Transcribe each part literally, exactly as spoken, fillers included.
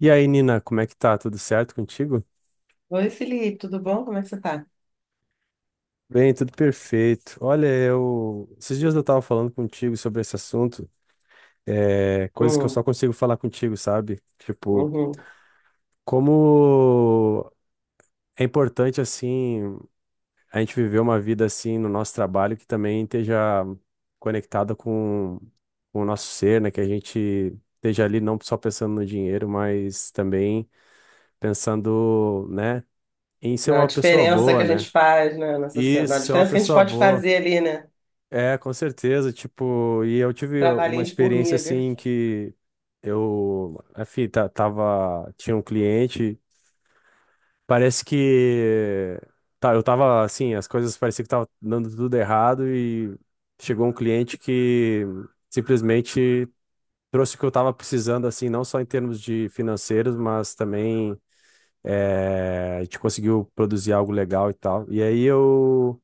E aí, Nina, como é que tá? Tudo certo contigo? Oi, Felipe, tudo bom? Como é que você tá? Bem, tudo perfeito. Olha, eu. esses dias eu tava falando contigo sobre esse assunto, é... coisas que eu Uhum, só consigo falar contigo, sabe? Tipo, uhum. como é importante, assim, a gente viver uma vida, assim, no nosso trabalho que também esteja conectada com... com o nosso ser, né? Que a gente esteja ali não só pensando no dinheiro, mas também pensando, né, em ser Na uma pessoa diferença que boa, a né? gente faz, né, na sociedade, Isso, na ser uma diferença que a gente pessoa pode boa. fazer ali, né? É, com certeza, tipo, e eu tive uma Trabalhinho de experiência formiga. assim que eu, enfim, ta- tava, tinha um cliente, parece que tá, eu tava assim, as coisas pareciam que tava dando tudo errado e chegou um cliente que simplesmente trouxe o que eu tava precisando assim, não só em termos de financeiros, mas também eh, a gente conseguiu produzir algo legal e tal. E aí eu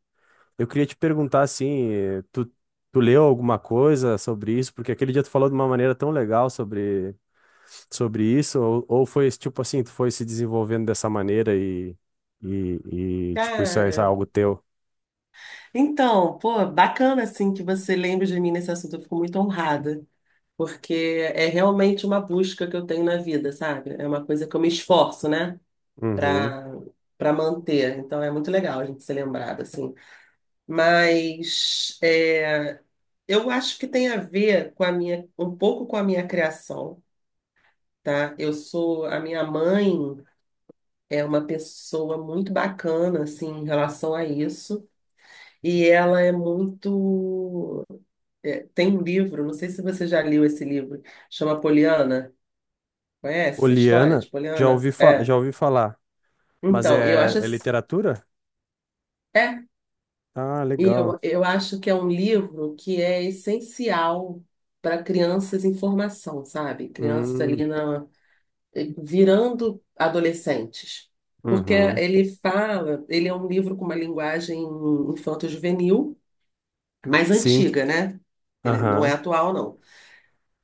eu queria te perguntar assim, eh, tu, tu leu alguma coisa sobre isso? Porque aquele dia tu falou de uma maneira tão legal sobre, sobre isso, ou, ou foi esse tipo assim, tu foi se desenvolvendo dessa maneira e, e, e, tipo, isso é, isso é Cara, algo teu? então, pô, bacana assim que você lembre de mim nesse assunto, eu fico muito honrada, porque é realmente uma busca que eu tenho na vida, sabe? É uma coisa que eu me esforço, né, Uhum. pra, pra manter. Então é muito legal a gente ser lembrado, assim. Mas. é, Eu acho que tem a ver com a minha, um pouco com a minha criação, tá? Eu sou, a minha mãe é uma pessoa muito bacana, assim, em relação a isso, e ela é muito, é, tem um livro, não sei se você já leu esse livro, chama Poliana. Conhece a história Oliana, de já Poliana? ouvi, fa- É, já ouvi falar, mas então, eu é, acho, é ass- literatura? é, Ah, e legal. eu, eu acho que é um livro que é essencial para crianças em formação, sabe? Crianças Hum, ali, na virando adolescentes. Porque uhum. ele fala, ele é um livro com uma linguagem infanto-juvenil, mais Sim, antiga, né? Ele não é aham, atual, não.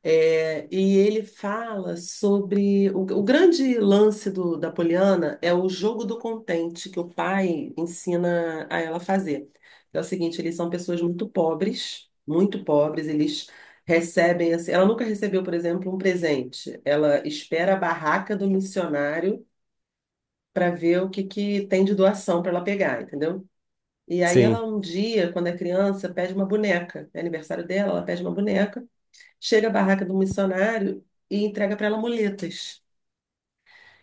É, e ele fala sobre o, o grande lance do- da Poliana. É o jogo do contente que o pai ensina a ela fazer. É o seguinte: eles são pessoas muito pobres, muito pobres, eles recebem assim, ela nunca recebeu, por exemplo, um presente. Ela espera a barraca do missionário para ver o que que tem de doação para ela pegar, entendeu? E aí sim, ela, um dia, quando é criança, pede uma boneca. É aniversário dela, ela pede uma boneca. Chega à barraca do missionário e entrega para ela muletas.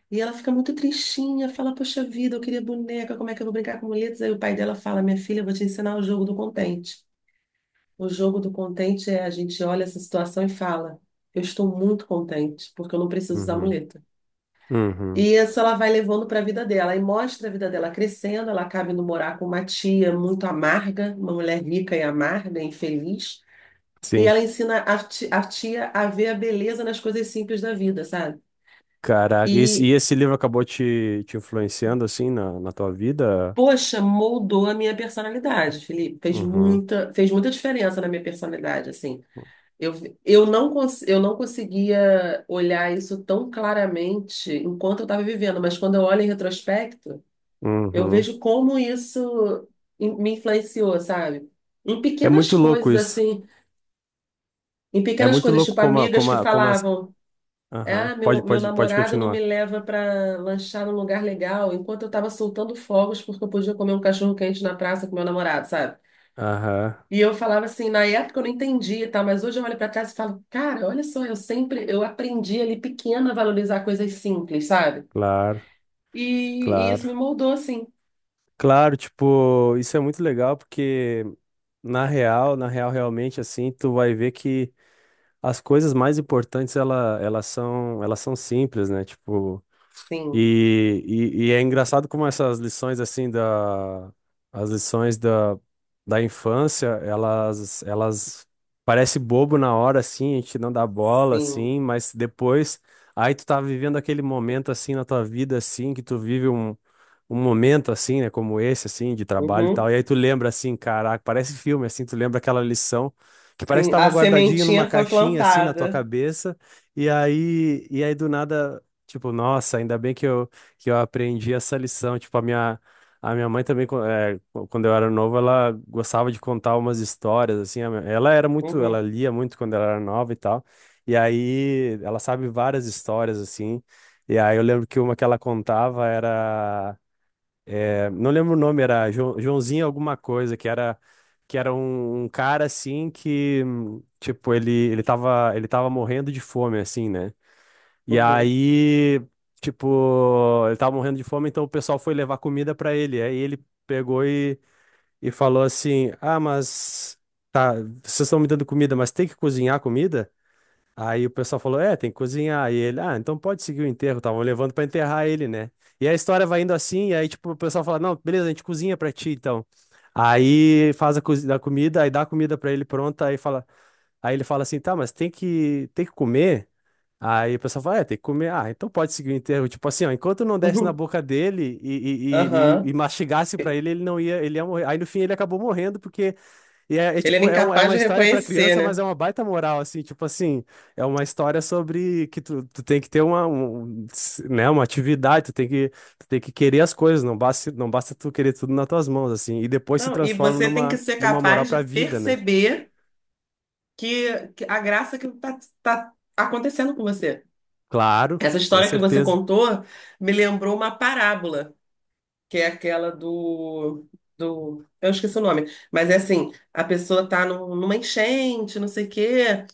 E ela fica muito tristinha, fala: "Poxa vida, eu queria boneca, como é que eu vou brincar com muletas?" Aí o pai dela fala: "Minha filha, eu vou te ensinar o jogo do contente. O jogo do contente é: a gente olha essa situação e fala: eu estou muito contente, porque eu não preciso usar uhum, muleta." uhum, E isso ela vai levando para a vida dela, e mostra a vida dela crescendo. Ela acaba indo morar com uma tia muito amarga, uma mulher rica e amarga, infeliz. E sim. ela ensina a ti- a tia a ver a beleza nas coisas simples da vida, sabe? Caraca, e esse, e E, esse livro acabou te, te influenciando assim na, na tua vida? poxa, moldou a minha personalidade, Felipe. Fez Uhum, muita, fez muita diferença na minha personalidade, assim. Eu, eu não, cons- eu não conseguia olhar isso tão claramente enquanto eu estava vivendo, mas quando eu olho em retrospecto, eu uhum. vejo como isso in- me influenciou, sabe? Em É pequenas muito louco coisas, isso. assim, em É pequenas muito coisas, louco tipo como, a- amigas como, que a- como as. falavam: Aham. "Ah, meu, Pode, meu pode, pode namorado não me continuar. leva para lanchar num lugar legal", enquanto eu estava soltando fogos porque eu podia comer um cachorro quente na praça com meu namorado, sabe? Aham, E eu falava assim, na época eu não entendia, tá? Mas hoje eu olho para trás e falo: "Cara, olha só, eu sempre, eu aprendi ali pequena a valorizar coisas simples, sabe?" claro, E, e claro. isso me moldou assim. Claro, tipo, isso é muito legal porque na real, na real, realmente, assim, tu vai ver que as coisas mais importantes, ela, elas são, elas são simples, né? Tipo. Sim, E, e, e é engraçado como essas lições assim da as lições da, da infância, elas elas parece bobo na hora assim, a gente não dá bola sim, assim, mas depois aí tu tá vivendo aquele momento assim na tua vida assim que tu vive um um momento assim, né, como esse assim, de trabalho e tal. uhum, E aí tu lembra assim, caraca, parece filme assim, tu lembra aquela lição que parece que sim. estava A guardadinho numa sementinha foi caixinha assim na tua plantada. cabeça. E aí e aí do nada, tipo, nossa, ainda bem que eu que eu aprendi essa lição, tipo, a minha a minha mãe também, quan- eh, quando eu era novo, ela gostava de contar umas histórias, assim. a minha- Ela era muito, ela Uhum, lia muito quando ela era nova e tal. E aí, ela sabe várias histórias, assim. E aí, eu lembro que uma que ela contava era não lembro o nome, era Jo- Joãozinho alguma coisa, que era que era um, um cara assim que, hum, tipo, ele ele tava, ele tava morrendo de fome assim, né? E uhum, aí, tipo, ele tava morrendo de fome, então o pessoal foi levar comida pra ele. Aí ele pegou e, e falou assim: "Ah, mas tá, vocês estão me dando comida, mas tem que cozinhar comida?" Aí o pessoal falou: É, tem que cozinhar. E ele, ah, então pode seguir o enterro. Estavam levando pra enterrar ele, né? E a história vai indo assim. E aí, tipo, o pessoal fala: Não, beleza, a gente cozinha pra ti, então. Aí faz a, cozi- a comida, aí dá a comida pra ele pronta. Aí fala, aí ele fala assim: Tá, mas tem que, tem que comer. Aí o pessoal fala: É, tem que comer. Ah, então pode seguir o enterro. Tipo assim, ó, enquanto não desse na uhum, boca dele e, e, e, e- e aham. mastigasse pra ele, ele não ia, ele ia morrer. Aí no fim ele acabou morrendo porque e é, é, Ele era tipo, é, um- é incapaz uma de história pra reconhecer, criança, mas né? é uma baita moral, assim, tipo assim, é uma história sobre que tu, tu tem que ter uma, um, s- né, uma atividade, tu tem que, tu tem que querer as coisas, não basta, não basta tu querer tudo nas tuas mãos, assim, e depois se Não, e transforma você tem que numa, ser numa moral capaz de pra vida, né? perceber que, que a graça que está acontecendo com você. Claro, Essa com história que você certeza. contou me lembrou uma parábola, que é aquela do, do, eu esqueci o nome, mas é assim: a pessoa tá num- numa enchente, não sei o quê,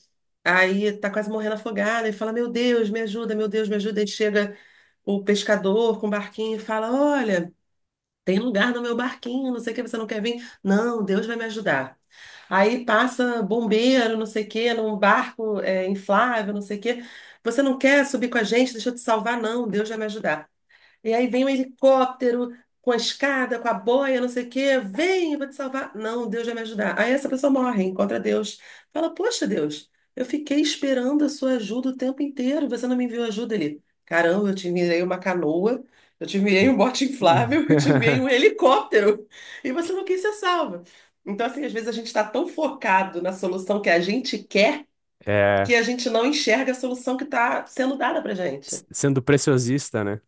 aí tá quase morrendo afogada e fala: "Meu Deus, me ajuda, meu Deus, me ajuda." Aí chega o pescador com o barquinho e fala: "Olha, tem lugar no meu barquinho, não sei o que, você não quer vir?" "Não, Deus vai me ajudar." Aí passa bombeiro, não sei o que, num barco, é, inflável, não sei o que. "Você não quer subir com a gente? Deixa eu te salvar." "Não, Deus vai me ajudar." E aí vem um helicóptero com a escada, com a boia, não sei o quê. "Vem, eu vou te salvar." "Não, Deus vai me ajudar." Aí essa pessoa morre, encontra Deus, fala: "Poxa, Deus, eu fiquei esperando a sua ajuda o tempo inteiro. Você não me enviou ajuda ali." "Caramba, eu te enviei uma canoa, eu te enviei um bote Hum. inflável, eu te enviei um helicóptero. E você não quis ser salva." Então, assim, às vezes a gente está tão focado na solução que a gente quer, que É, a gente não enxerga a solução que está sendo dada pra gente. s- sendo preciosista, né?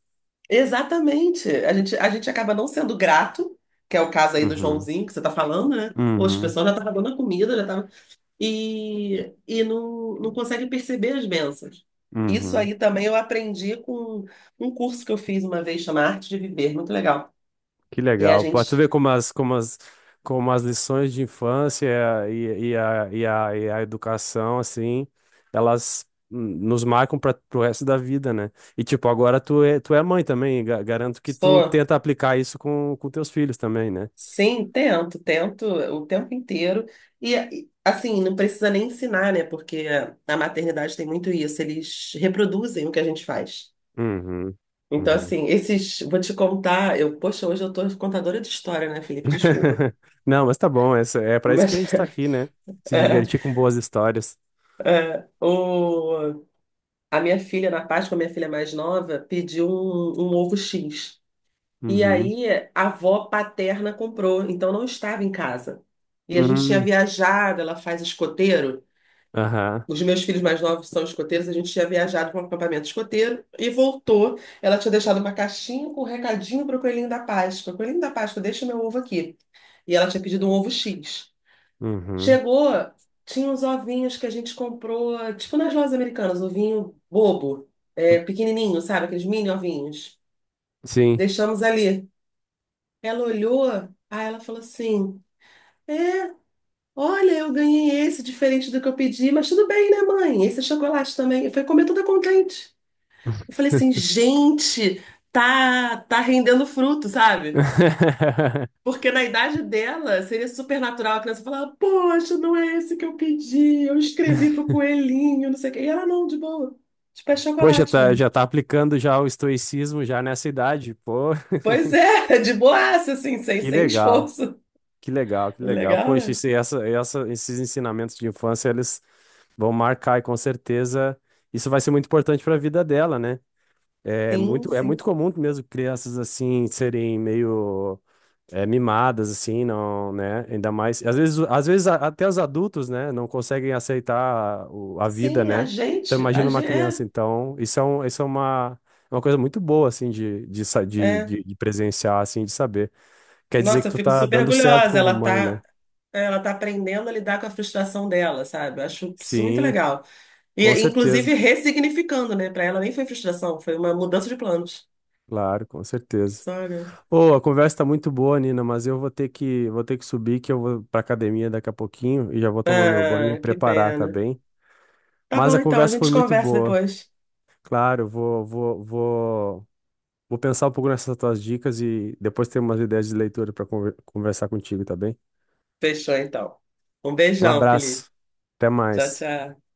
Exatamente. A gente, a gente acaba não sendo grato, que é o caso aí do Uhum, Joãozinho que você tá falando, né? Poxa, o uhum, pessoal já tava dando a comida, já tava. E, e não, não consegue perceber as bênçãos. Isso uhum. aí também eu aprendi com um curso que eu fiz uma vez, chama Arte de Viver, muito legal. Que E a legal. Pra tu gente ver como as, como as, como as lições de infância e, e, a, e, a, e a educação, assim, elas hum, nos marcam para o resto da vida, né? E, tipo, agora tu é, tu é mãe também. ga- Garanto que tu só, tenta aplicar isso com, com teus filhos também, né? sim, tento, tento o tempo inteiro. E, e, assim, não precisa nem ensinar, né? Porque a maternidade tem muito isso, eles reproduzem o que a gente faz. Uhum. Então, Uhum. assim, esses... Vou te contar. Eu, poxa, hoje eu tô contadora de história, né, Felipe? Desculpa. Não, mas tá bom. Essa, é para isso que a Mas gente tá aqui, né? Se é, divertir com boas histórias. é, o, a minha filha, na Páscoa, a minha filha mais nova, pediu um, um ovo xis. E Uhum. aí a avó paterna comprou, então não estava em casa. E a gente tinha Uhum. viajado, ela faz escoteiro. Aham. Os meus filhos mais novos são escoteiros, a gente tinha viajado para um acampamento escoteiro e voltou. Ela tinha deixado uma caixinha com um recadinho para o Coelhinho da Páscoa: "Coelhinho da Páscoa, deixa meu ovo aqui." E ela tinha pedido um ovo X. Uhum. Chegou, tinha uns ovinhos que a gente comprou, tipo nas lojas americanas, ovinho bobo, é, pequenininho, sabe? Aqueles mini ovinhos. Sim. Deixamos ali. Ela olhou, aí ela falou assim: "É, Olha, eu ganhei esse, diferente do que eu pedi, mas tudo bem, né, mãe? Esse é chocolate também." Eu falei, comer toda contente. Eu falei assim: "Gente, tá, tá, rendendo fruto, sabe?" Porque na idade dela seria super natural a criança falar: "Poxa, não é esse que eu pedi, eu escrevi pro coelhinho, não sei o quê." E ela, não, de boa. Tipo, é Pô, já chocolate, tá, mãe. já tá aplicando já o estoicismo já nessa idade. Pô, Pois é, de boaça, assim, sem, que sem legal, esforço. que legal, que legal. Legal, Poxa, né? isso, e essa, essa, esses ensinamentos de infância, eles vão marcar e com certeza isso vai ser muito importante para a vida dela, né? É Sim, muito, é muito sim. comum mesmo crianças assim serem meio é, mimadas, assim, não, né? Ainda mais. Às vezes, às vezes a- até os adultos, né, não conseguem aceitar o- a vida, Sim, a né? Então, gente, a imagina uma gente, criança. é, Então, isso é, um, isso é uma, é uma coisa muito boa, assim, de, de, sa- de, é. de, de presenciar, assim, de saber. Quer dizer que Nossa, eu tu fico tá super dando certo orgulhosa. como Ela mãe, tá, né? ela tá aprendendo a lidar com a frustração dela, sabe? Eu acho isso muito Sim, legal. E, com inclusive, certeza. ressignificando, né? Pra ela nem foi frustração, foi uma mudança de planos. Claro, com certeza. Sabe? Ô, a conversa tá muito boa, Nina, mas eu vou ter que, vou ter que subir, que eu vou pra academia daqui a pouquinho e já vou tomar meu banho e me Ah, que preparar, tá pena. bem? Tá Mas bom, a então, a conversa foi gente muito conversa boa. depois. Claro, vou, vou, vou, vou pensar um pouco nessas tuas dicas e depois ter umas ideias de leitura para conversar contigo, tá bem? Fechou, então. Um Um beijão, Felipe. abraço. Até Tchau, mais. tchau.